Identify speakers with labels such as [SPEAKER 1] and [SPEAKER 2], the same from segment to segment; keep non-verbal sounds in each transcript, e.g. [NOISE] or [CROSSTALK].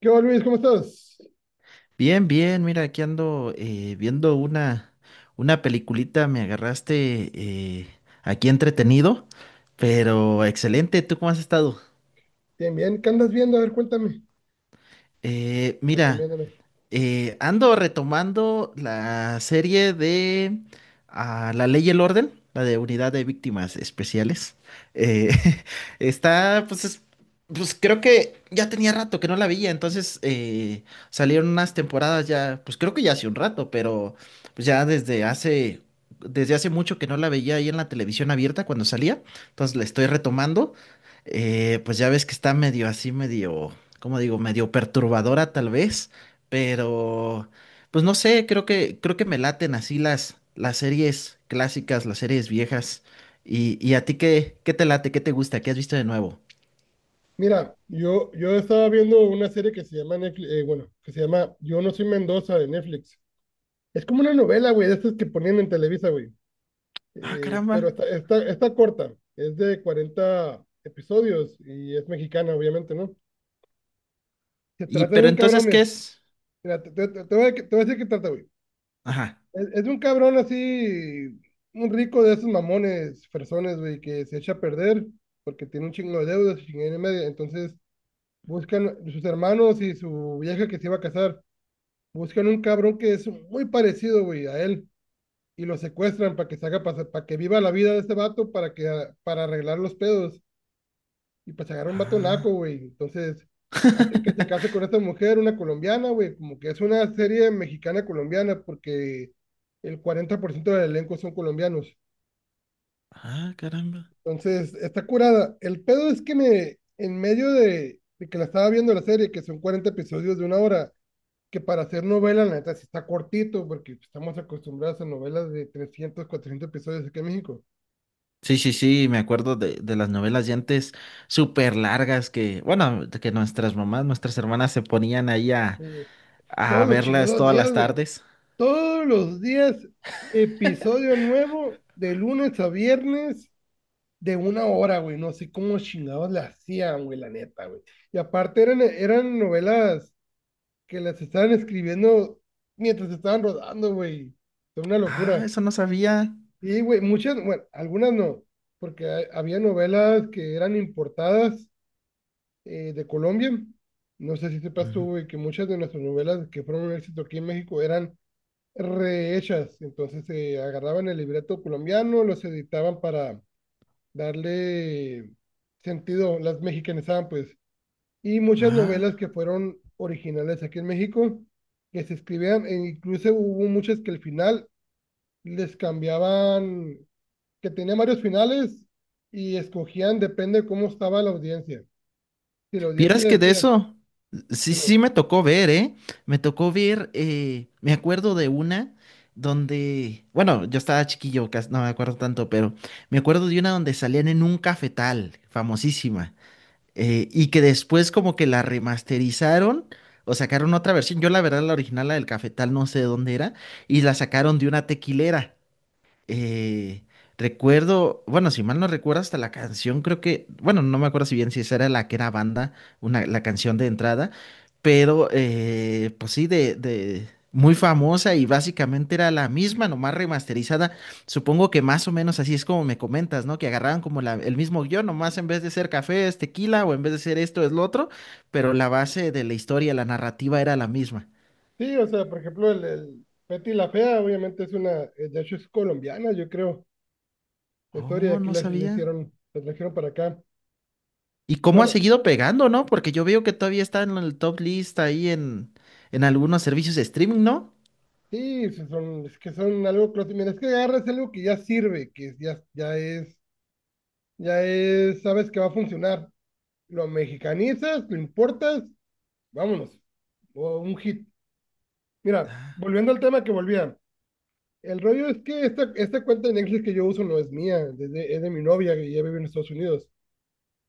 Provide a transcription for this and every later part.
[SPEAKER 1] ¿Qué onda, Luis? ¿Cómo estás?
[SPEAKER 2] Bien, bien, mira, aquí ando viendo una peliculita, me agarraste aquí entretenido, pero excelente, ¿tú cómo has estado?
[SPEAKER 1] Bien, bien. ¿Qué andas viendo? A ver, cuéntame.
[SPEAKER 2] Mira.
[SPEAKER 1] Recomiéndame.
[SPEAKER 2] Ando retomando la serie de La Ley y el Orden, la de Unidad de Víctimas Especiales. Eh, [LAUGHS] está, pues, pues creo que ya tenía rato que no la veía, entonces salieron unas temporadas ya, pues creo que ya hace un rato, pero pues, ya desde hace mucho que no la veía ahí en la televisión abierta cuando salía, entonces la estoy retomando. Pues ya ves que está medio así, medio, ¿cómo digo? Medio perturbadora tal vez pero, pues no sé, creo que me laten así las series clásicas, las series viejas. Y a ti qué te late, qué te gusta, qué has visto de nuevo.
[SPEAKER 1] Mira, yo estaba viendo una serie que se llama Netflix, bueno, que se llama Yo no soy Mendoza de Netflix. Es como una novela, güey, de estas que ponían en Televisa, güey.
[SPEAKER 2] Ah, caramba.
[SPEAKER 1] Pero está corta. Es de 40 episodios y es mexicana, obviamente, ¿no? Se
[SPEAKER 2] Y,
[SPEAKER 1] trata de
[SPEAKER 2] pero
[SPEAKER 1] un cabrón,
[SPEAKER 2] entonces, ¿qué
[SPEAKER 1] mira.
[SPEAKER 2] es?
[SPEAKER 1] Mira, te voy a decir qué trata, güey.
[SPEAKER 2] Ajá.
[SPEAKER 1] Es un cabrón así, un rico de esos mamones, personas, güey, que se echa a perder porque tiene un chingo de deudas y chingada y media. Entonces buscan sus hermanos y su vieja que se iba a casar, buscan un cabrón que es muy parecido, güey, a él y lo secuestran para que se haga pasar, para que viva la vida de este vato para que para arreglar los pedos y pues agarra un vato naco,
[SPEAKER 2] Ah.
[SPEAKER 1] güey. Entonces hacen que se case con
[SPEAKER 2] [LAUGHS]
[SPEAKER 1] esta mujer, una colombiana, güey. Como que es una serie mexicana-colombiana porque el 40% del elenco son colombianos.
[SPEAKER 2] Ah, caramba.
[SPEAKER 1] Entonces está curada. El pedo es que me, en medio de que la estaba viendo la serie, que son 40 episodios de una hora, que para hacer novela, la neta, sí está cortito, porque estamos acostumbrados a novelas de 300 400 episodios aquí en México.
[SPEAKER 2] Sí, sí, sí, me acuerdo de las novelas de antes súper largas que, bueno, de que nuestras mamás, nuestras hermanas se ponían
[SPEAKER 1] Eh,
[SPEAKER 2] a
[SPEAKER 1] Todos los
[SPEAKER 2] verlas
[SPEAKER 1] chingados
[SPEAKER 2] todas
[SPEAKER 1] días,
[SPEAKER 2] las
[SPEAKER 1] güey.
[SPEAKER 2] tardes.
[SPEAKER 1] Todos los días, episodio nuevo, de lunes a viernes, de una hora, güey. No sé cómo chingados la hacían, güey, la neta, güey. Y aparte eran novelas que las estaban escribiendo mientras estaban rodando, güey. Fue una
[SPEAKER 2] Ah,
[SPEAKER 1] locura.
[SPEAKER 2] eso no sabía.
[SPEAKER 1] Y, güey, muchas, bueno, algunas no, porque había novelas que eran importadas de Colombia. No sé si sepas tú,
[SPEAKER 2] Ujú.
[SPEAKER 1] güey, que muchas de nuestras novelas que fueron un éxito aquí en México eran rehechas. Entonces agarraban el libreto colombiano, los editaban para darle sentido, las mexicanizaban pues. Y muchas novelas
[SPEAKER 2] Ah.
[SPEAKER 1] que fueron originales aquí en México, que se escribían, e incluso hubo muchas que al final les cambiaban, que tenían varios finales y escogían, depende de cómo estaba la audiencia. Si la audiencia
[SPEAKER 2] Vieras que de
[SPEAKER 1] decía,
[SPEAKER 2] eso, sí,
[SPEAKER 1] dime,
[SPEAKER 2] sí me tocó ver, ¿eh? Me tocó ver, me acuerdo de una donde, bueno, yo estaba chiquillo, no me acuerdo tanto, pero me acuerdo de una donde salían en un cafetal, famosísima, y que después como que la remasterizaron o sacaron otra versión. Yo la verdad la original, la del cafetal, no sé de dónde era, y la sacaron de una tequilera. Eh, recuerdo, bueno, si mal no recuerdo, hasta la canción, creo que, bueno, no me acuerdo si bien si esa era la que era banda, una, la canción de entrada, pero pues sí, de muy famosa y básicamente era la misma, nomás remasterizada. Supongo que más o menos así es como me comentas, ¿no? Que agarraban como la, el mismo guión, nomás en vez de ser café es tequila o en vez de ser esto es lo otro, pero la base de la historia, la narrativa era la misma.
[SPEAKER 1] sí, o sea, por ejemplo, el Betty la Fea, obviamente es una, de hecho es colombiana, yo creo la historia y
[SPEAKER 2] Oh,
[SPEAKER 1] aquí
[SPEAKER 2] no
[SPEAKER 1] la
[SPEAKER 2] sabía.
[SPEAKER 1] hicieron, la trajeron para acá.
[SPEAKER 2] ¿Y cómo ha
[SPEAKER 1] Bueno,
[SPEAKER 2] seguido pegando, no? Porque yo veo que todavía está en el top list ahí en algunos servicios de streaming, ¿no?
[SPEAKER 1] sí, sí son, es que son algo clásico. Mira, es que agarras algo que ya sirve, que ya, ya es, sabes que va a funcionar. Lo mexicanizas, lo importas, vámonos. O un hit. Mira, volviendo al tema que volvía. El rollo es que esta cuenta de Netflix que yo uso no es mía, desde, es de mi novia que ya vive en Estados Unidos.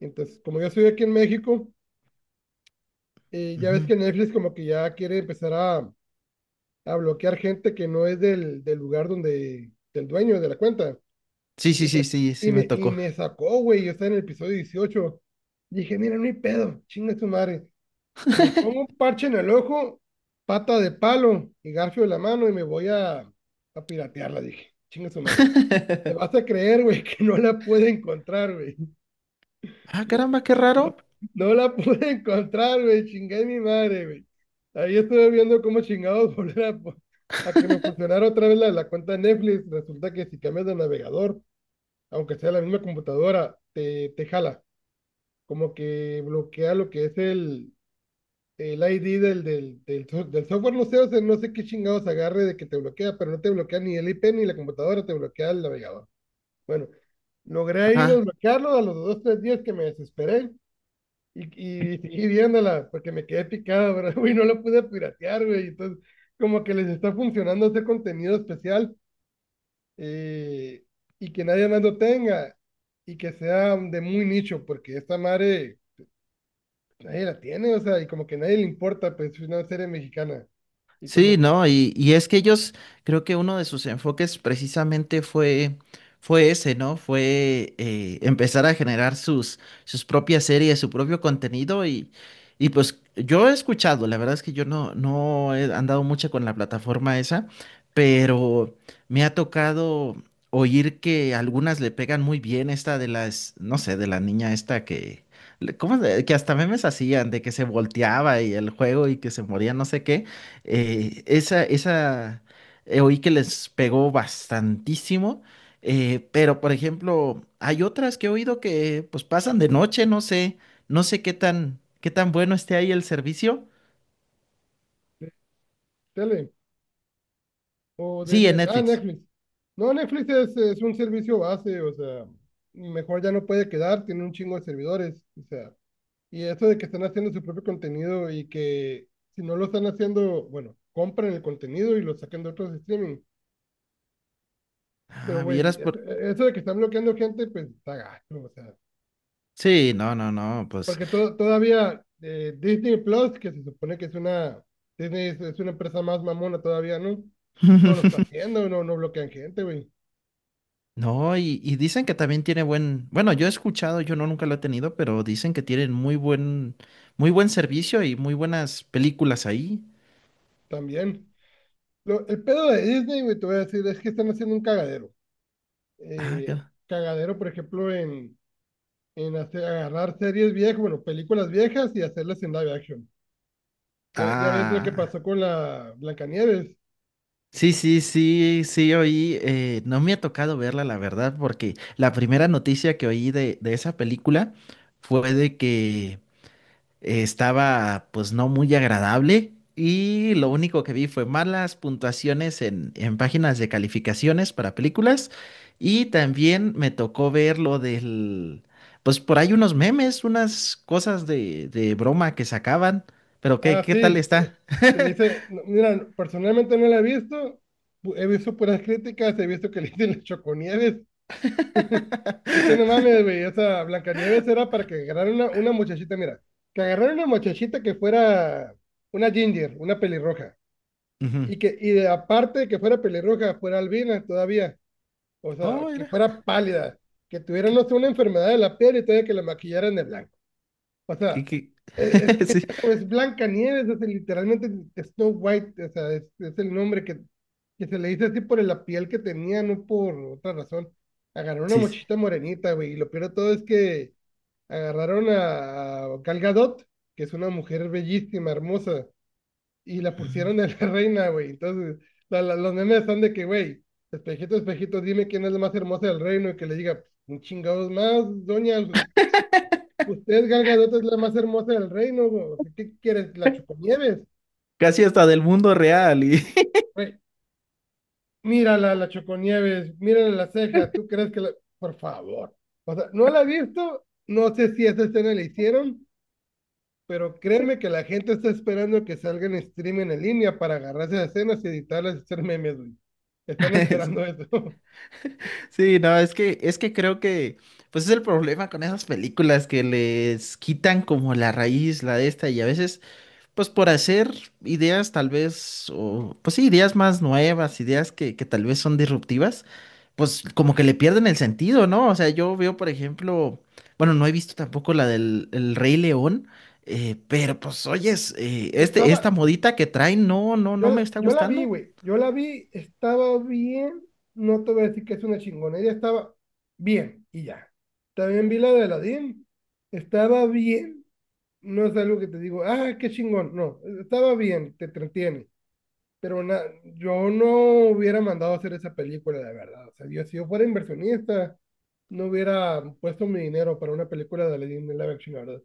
[SPEAKER 1] Entonces, como yo estoy aquí en México, ya ves
[SPEAKER 2] Ujú.
[SPEAKER 1] que Netflix como que ya quiere empezar a bloquear gente que no es del lugar donde, del dueño de la cuenta.
[SPEAKER 2] Sí, sí,
[SPEAKER 1] Y
[SPEAKER 2] sí,
[SPEAKER 1] me,
[SPEAKER 2] sí, sí me
[SPEAKER 1] y
[SPEAKER 2] tocó.
[SPEAKER 1] me sacó, güey, yo estaba en el episodio dieciocho. Dije, mira, no hay pedo, chinga tu madre. Me pongo un parche en el ojo, pata de palo y garfio de la mano y me voy a piratearla, dije, chinga su madre. Te vas a
[SPEAKER 2] [LAUGHS]
[SPEAKER 1] creer, güey, [LAUGHS] que no la puede encontrar, güey.
[SPEAKER 2] Ah, caramba, qué raro.
[SPEAKER 1] No la [LAUGHS] pude encontrar, güey. Chingué mi madre, güey. Ahí estuve viendo cómo chingados [LAUGHS] volver a, a que me funcionara otra vez la cuenta de Netflix. Resulta que si cambias de navegador, aunque sea la misma computadora, te jala. Como que bloquea lo que es el ID del software. No sé, o sea, no sé qué chingados agarre de que te bloquea, pero no te bloquea ni el IP ni la computadora, te bloquea el navegador. Bueno, logré ahí
[SPEAKER 2] Ajá.
[SPEAKER 1] desbloquearlo a los dos, tres días que me desesperé. Y, y, y viéndola, porque me quedé picado, ¿verdad? [LAUGHS] Güey, no la pude piratear, güey. Entonces, como que les está funcionando este contenido especial, eh, y que nadie más lo tenga y que sea de muy nicho, porque esta madre pues, nadie la tiene, o sea, y como que nadie le importa, pues es una serie mexicana. Y
[SPEAKER 2] Sí,
[SPEAKER 1] como
[SPEAKER 2] ¿no? Y es que ellos, creo que uno de sus enfoques precisamente fue, fue ese, ¿no? Fue empezar a generar sus, sus propias series, su propio contenido y pues yo he escuchado, la verdad es que yo no, no he andado mucho con la plataforma esa, pero me ha tocado oír que algunas le pegan muy bien esta de las, no sé, de la niña esta que... ¿Cómo? ¿Es? Que hasta memes hacían de que se volteaba y el juego y que se moría, no sé qué. Eh, esa, esa, oí que les pegó bastantísimo, pero por ejemplo, hay otras que he oído que pues pasan de noche, no sé, no sé qué tan bueno esté ahí el servicio.
[SPEAKER 1] de tele o de
[SPEAKER 2] Sí, en
[SPEAKER 1] Netflix. Ah,
[SPEAKER 2] Netflix.
[SPEAKER 1] Netflix. No, Netflix es un servicio base, o sea, mejor ya no puede quedar, tiene un chingo de servidores, o sea. Y eso de que están haciendo su propio contenido y que si no lo están haciendo, bueno, compren el contenido y lo saquen de otros streaming. Pero,
[SPEAKER 2] Ah, vieras
[SPEAKER 1] güey,
[SPEAKER 2] por...
[SPEAKER 1] eso de que están bloqueando gente, pues está gacho, o sea.
[SPEAKER 2] Sí, no, no, no, pues...
[SPEAKER 1] Porque todavía Disney Plus, que se supone que es una, Disney es una empresa más mamona todavía, ¿no? No lo está
[SPEAKER 2] [LAUGHS]
[SPEAKER 1] haciendo, no, no bloquean gente, güey.
[SPEAKER 2] No, y dicen que también tiene buen, bueno, yo he escuchado, yo no nunca lo he tenido, pero dicen que tienen muy muy buen servicio y muy buenas películas ahí.
[SPEAKER 1] También. El pedo de Disney, güey, te voy a decir, es que están haciendo un cagadero.
[SPEAKER 2] Ah, qué-
[SPEAKER 1] Eh, Cagadero, por ejemplo, en hacer, agarrar series viejas, bueno, películas viejas y hacerlas en live action. Ya ves lo que
[SPEAKER 2] ah.
[SPEAKER 1] pasó con la Blancanieves.
[SPEAKER 2] Sí, sí, sí, sí, oí, no me ha tocado verla, la verdad, porque la primera noticia que oí de esa película fue de que estaba pues no muy agradable y lo único que vi fue malas puntuaciones en páginas de calificaciones para películas y también me tocó ver lo del, pues por ahí unos memes, unas cosas de broma que sacaban, pero ¿qué,
[SPEAKER 1] Ah,
[SPEAKER 2] qué tal
[SPEAKER 1] sí,
[SPEAKER 2] está?
[SPEAKER 1] que le
[SPEAKER 2] [LAUGHS]
[SPEAKER 1] dice, no, mira, personalmente no la he visto, he visto puras críticas, he visto que le dicen las Choconieves. [LAUGHS] Es que no mames, güey, esa Blancanieves era para que agarraran una muchachita, mira, que agarraran una muchachita que fuera una ginger, una pelirroja,
[SPEAKER 2] Ujú.
[SPEAKER 1] aparte de que fuera pelirroja, fuera albina todavía. O sea,
[SPEAKER 2] Oh,
[SPEAKER 1] que
[SPEAKER 2] mira.
[SPEAKER 1] fuera pálida, que tuviera, no sé, una enfermedad de la piel y todavía que la maquillaran de blanco. O
[SPEAKER 2] ¿Qué,
[SPEAKER 1] sea,
[SPEAKER 2] qué?
[SPEAKER 1] es,
[SPEAKER 2] [LAUGHS]
[SPEAKER 1] es,
[SPEAKER 2] Sí,
[SPEAKER 1] es Blanca Nieves, es literalmente Snow White, o sea, es el nombre que se le dice así por la piel que tenía, no por otra razón. Agarraron una
[SPEAKER 2] sí. Sí.
[SPEAKER 1] mochita morenita, güey, y lo peor de todo es que agarraron a Gal Gadot, que es una mujer bellísima, hermosa, y la pusieron de la [LAUGHS] reina, güey. Entonces, los memes son de que, güey, espejito, espejito, dime quién es la más hermosa del reino y que le diga, un chingados más, doña, usted, usted Gal Gadot es la más hermosa del reino, güey. ¿Qué quieres? ¿La Choconieves?
[SPEAKER 2] Casi hasta del mundo real. Y... [LAUGHS]
[SPEAKER 1] Güey, mírala, la Choconieves, mírala la ceja, ¿tú crees que la...? Por favor. O sea, no la he visto, no sé si esa escena la hicieron, pero créeme que la gente está esperando que salgan streaming en línea para agarrar esas escenas y editarlas y hacer memes, güey. Están esperando eso. [LAUGHS]
[SPEAKER 2] Sí, sí, no, es que creo que, pues es el problema con esas películas que les quitan como la raíz, la de esta, y a veces pues por hacer ideas tal vez, o pues sí, ideas más nuevas, ideas que tal vez son disruptivas, pues como que le pierden el sentido, ¿no? O sea, yo veo, por ejemplo, bueno, no he visto tampoco la del el Rey León, pero pues oyes, esta
[SPEAKER 1] Estaba,
[SPEAKER 2] modita que traen, no, no, no
[SPEAKER 1] yo,
[SPEAKER 2] me está
[SPEAKER 1] yo la vi,
[SPEAKER 2] gustando.
[SPEAKER 1] güey. Yo la vi, estaba bien. No te voy a decir que es una chingonería, estaba bien y ya. También vi la de Aladdin. Estaba bien. No es algo que te digo, ah, qué chingón. No, estaba bien, te entretiene. Pero yo no hubiera mandado a hacer esa película, la verdad. O sea, yo, si yo fuera inversionista, no hubiera puesto mi dinero para una película de Lady live action, la verdad.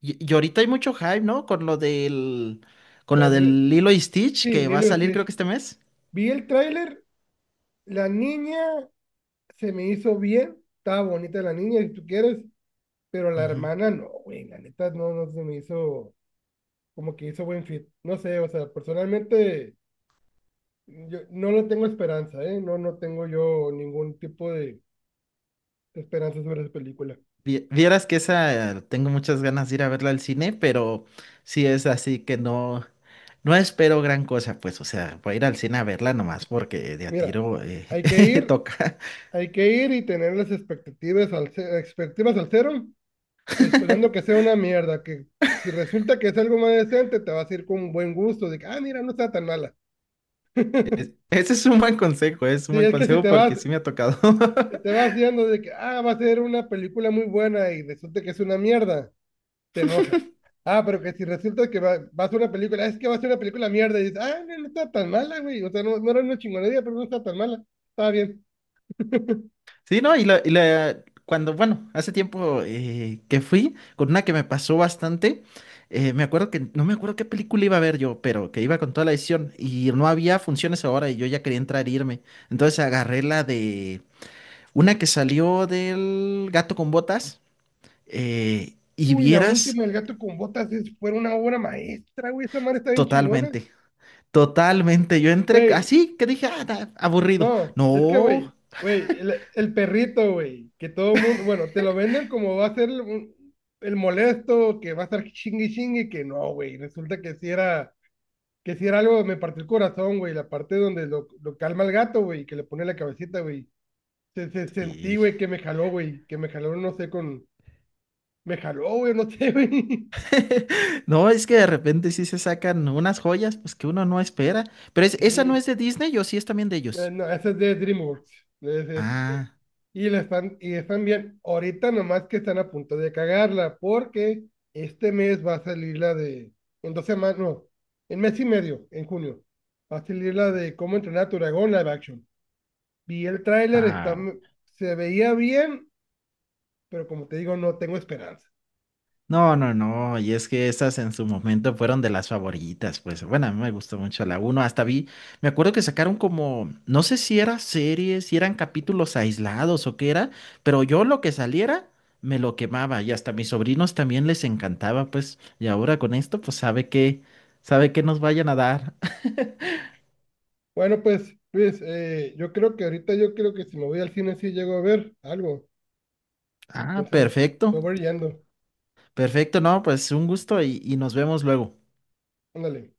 [SPEAKER 2] Y ahorita hay mucho hype, ¿no? Con lo del, con
[SPEAKER 1] La
[SPEAKER 2] la
[SPEAKER 1] de-
[SPEAKER 2] del Lilo y Stitch
[SPEAKER 1] sí,
[SPEAKER 2] que va a
[SPEAKER 1] Lilo y
[SPEAKER 2] salir creo
[SPEAKER 1] Stitch.
[SPEAKER 2] que este mes.
[SPEAKER 1] Vi el tráiler, la niña se me hizo bien, estaba bonita la niña, si tú quieres, pero la
[SPEAKER 2] Ujú.
[SPEAKER 1] hermana no, güey, la neta no, no se me hizo como que hizo buen fit. No sé, o sea, personalmente yo no le tengo esperanza, ¿eh? No, no tengo yo ningún tipo de esperanza sobre esa película.
[SPEAKER 2] Vieras que esa tengo muchas ganas de ir a verla al cine, pero sí es así que no, no espero gran cosa, pues, o sea, voy a ir al cine a verla nomás porque de a
[SPEAKER 1] Mira,
[SPEAKER 2] tiro
[SPEAKER 1] hay que
[SPEAKER 2] [LAUGHS]
[SPEAKER 1] ir,
[SPEAKER 2] toca.
[SPEAKER 1] hay que ir y tener las expectativas expectativas al cero, esperando que sea una mierda, que si resulta que es algo más decente, te vas a ir con un buen gusto, de que, ah, mira, no está tan mala.
[SPEAKER 2] Ese es un buen consejo, es un
[SPEAKER 1] Sí,
[SPEAKER 2] buen
[SPEAKER 1] es que
[SPEAKER 2] consejo porque sí me ha tocado.
[SPEAKER 1] si
[SPEAKER 2] [LAUGHS]
[SPEAKER 1] te vas viendo de que, ah, va a ser una película muy buena y resulta que es una mierda, te enojas. Ah, pero que si resulta que va a ser una película, es que va a ser una película mierda, y dices, ah, no, no está tan mala, güey, o sea, no, no era una chingonería, pero no está tan mala, está bien.
[SPEAKER 2] Sí, ¿no? Cuando, bueno, hace tiempo que fui con una que me pasó bastante, me acuerdo que, no me acuerdo qué película iba a ver yo, pero que iba con toda la edición y no había funciones ahora y yo ya quería entrar e irme. Entonces agarré la de una que salió del Gato con Botas y
[SPEAKER 1] Uy, la
[SPEAKER 2] vieras.
[SPEAKER 1] última, El gato con botas, fue una obra maestra, güey. Esa madre está bien chingona.
[SPEAKER 2] Totalmente, totalmente. Yo entré
[SPEAKER 1] Güey,
[SPEAKER 2] así que dije, ah, aburrido.
[SPEAKER 1] no, es que,
[SPEAKER 2] No.
[SPEAKER 1] el perrito, güey, que todo mundo, bueno, te lo venden como va a ser molesto, que va a estar chingue y chingue, que no, güey. Resulta que si era algo, me partió el corazón, güey. La parte donde lo calma el gato, güey, que le pone la cabecita, güey. Se sentí,
[SPEAKER 2] Sí.
[SPEAKER 1] güey, que me jaló, no sé, con, me jaló, güey, no sé, güey.
[SPEAKER 2] [LAUGHS] No, es que de repente sí se sacan unas joyas, pues que uno no espera. Pero
[SPEAKER 1] [LAUGHS]
[SPEAKER 2] esa no
[SPEAKER 1] Sí,
[SPEAKER 2] es de Disney o sí es también de ellos.
[SPEAKER 1] No, ese es de DreamWorks. Es- es- eh,
[SPEAKER 2] Ah.
[SPEAKER 1] y, la están, y están bien. Ahorita nomás que están a punto de cagarla, porque este mes va a salir la de, en dos semanas, no, en mes y medio, en junio, va a salir la de cómo entrenar a tu dragón live action. Vi el tráiler, está,
[SPEAKER 2] Ah,
[SPEAKER 1] se veía bien, pero como te digo, no tengo esperanza.
[SPEAKER 2] no,
[SPEAKER 1] Ah,
[SPEAKER 2] no, no. Y es que esas en su momento fueron de las favoritas. Pues bueno, a mí me gustó mucho la uno. Hasta vi, me acuerdo que sacaron como, no sé si era series, si eran capítulos aislados o qué era, pero yo lo que saliera me lo quemaba. Y hasta a mis sobrinos también les encantaba, pues. Y ahora con esto, pues sabe que nos vayan a dar. [LAUGHS]
[SPEAKER 1] bueno, pues, Luis, yo creo que ahorita yo creo que si me voy al cine sí llego a ver algo.
[SPEAKER 2] Ah,
[SPEAKER 1] Entonces,
[SPEAKER 2] perfecto.
[SPEAKER 1] me voy yendo.
[SPEAKER 2] Perfecto, no, pues un gusto y nos vemos luego.
[SPEAKER 1] Ándale.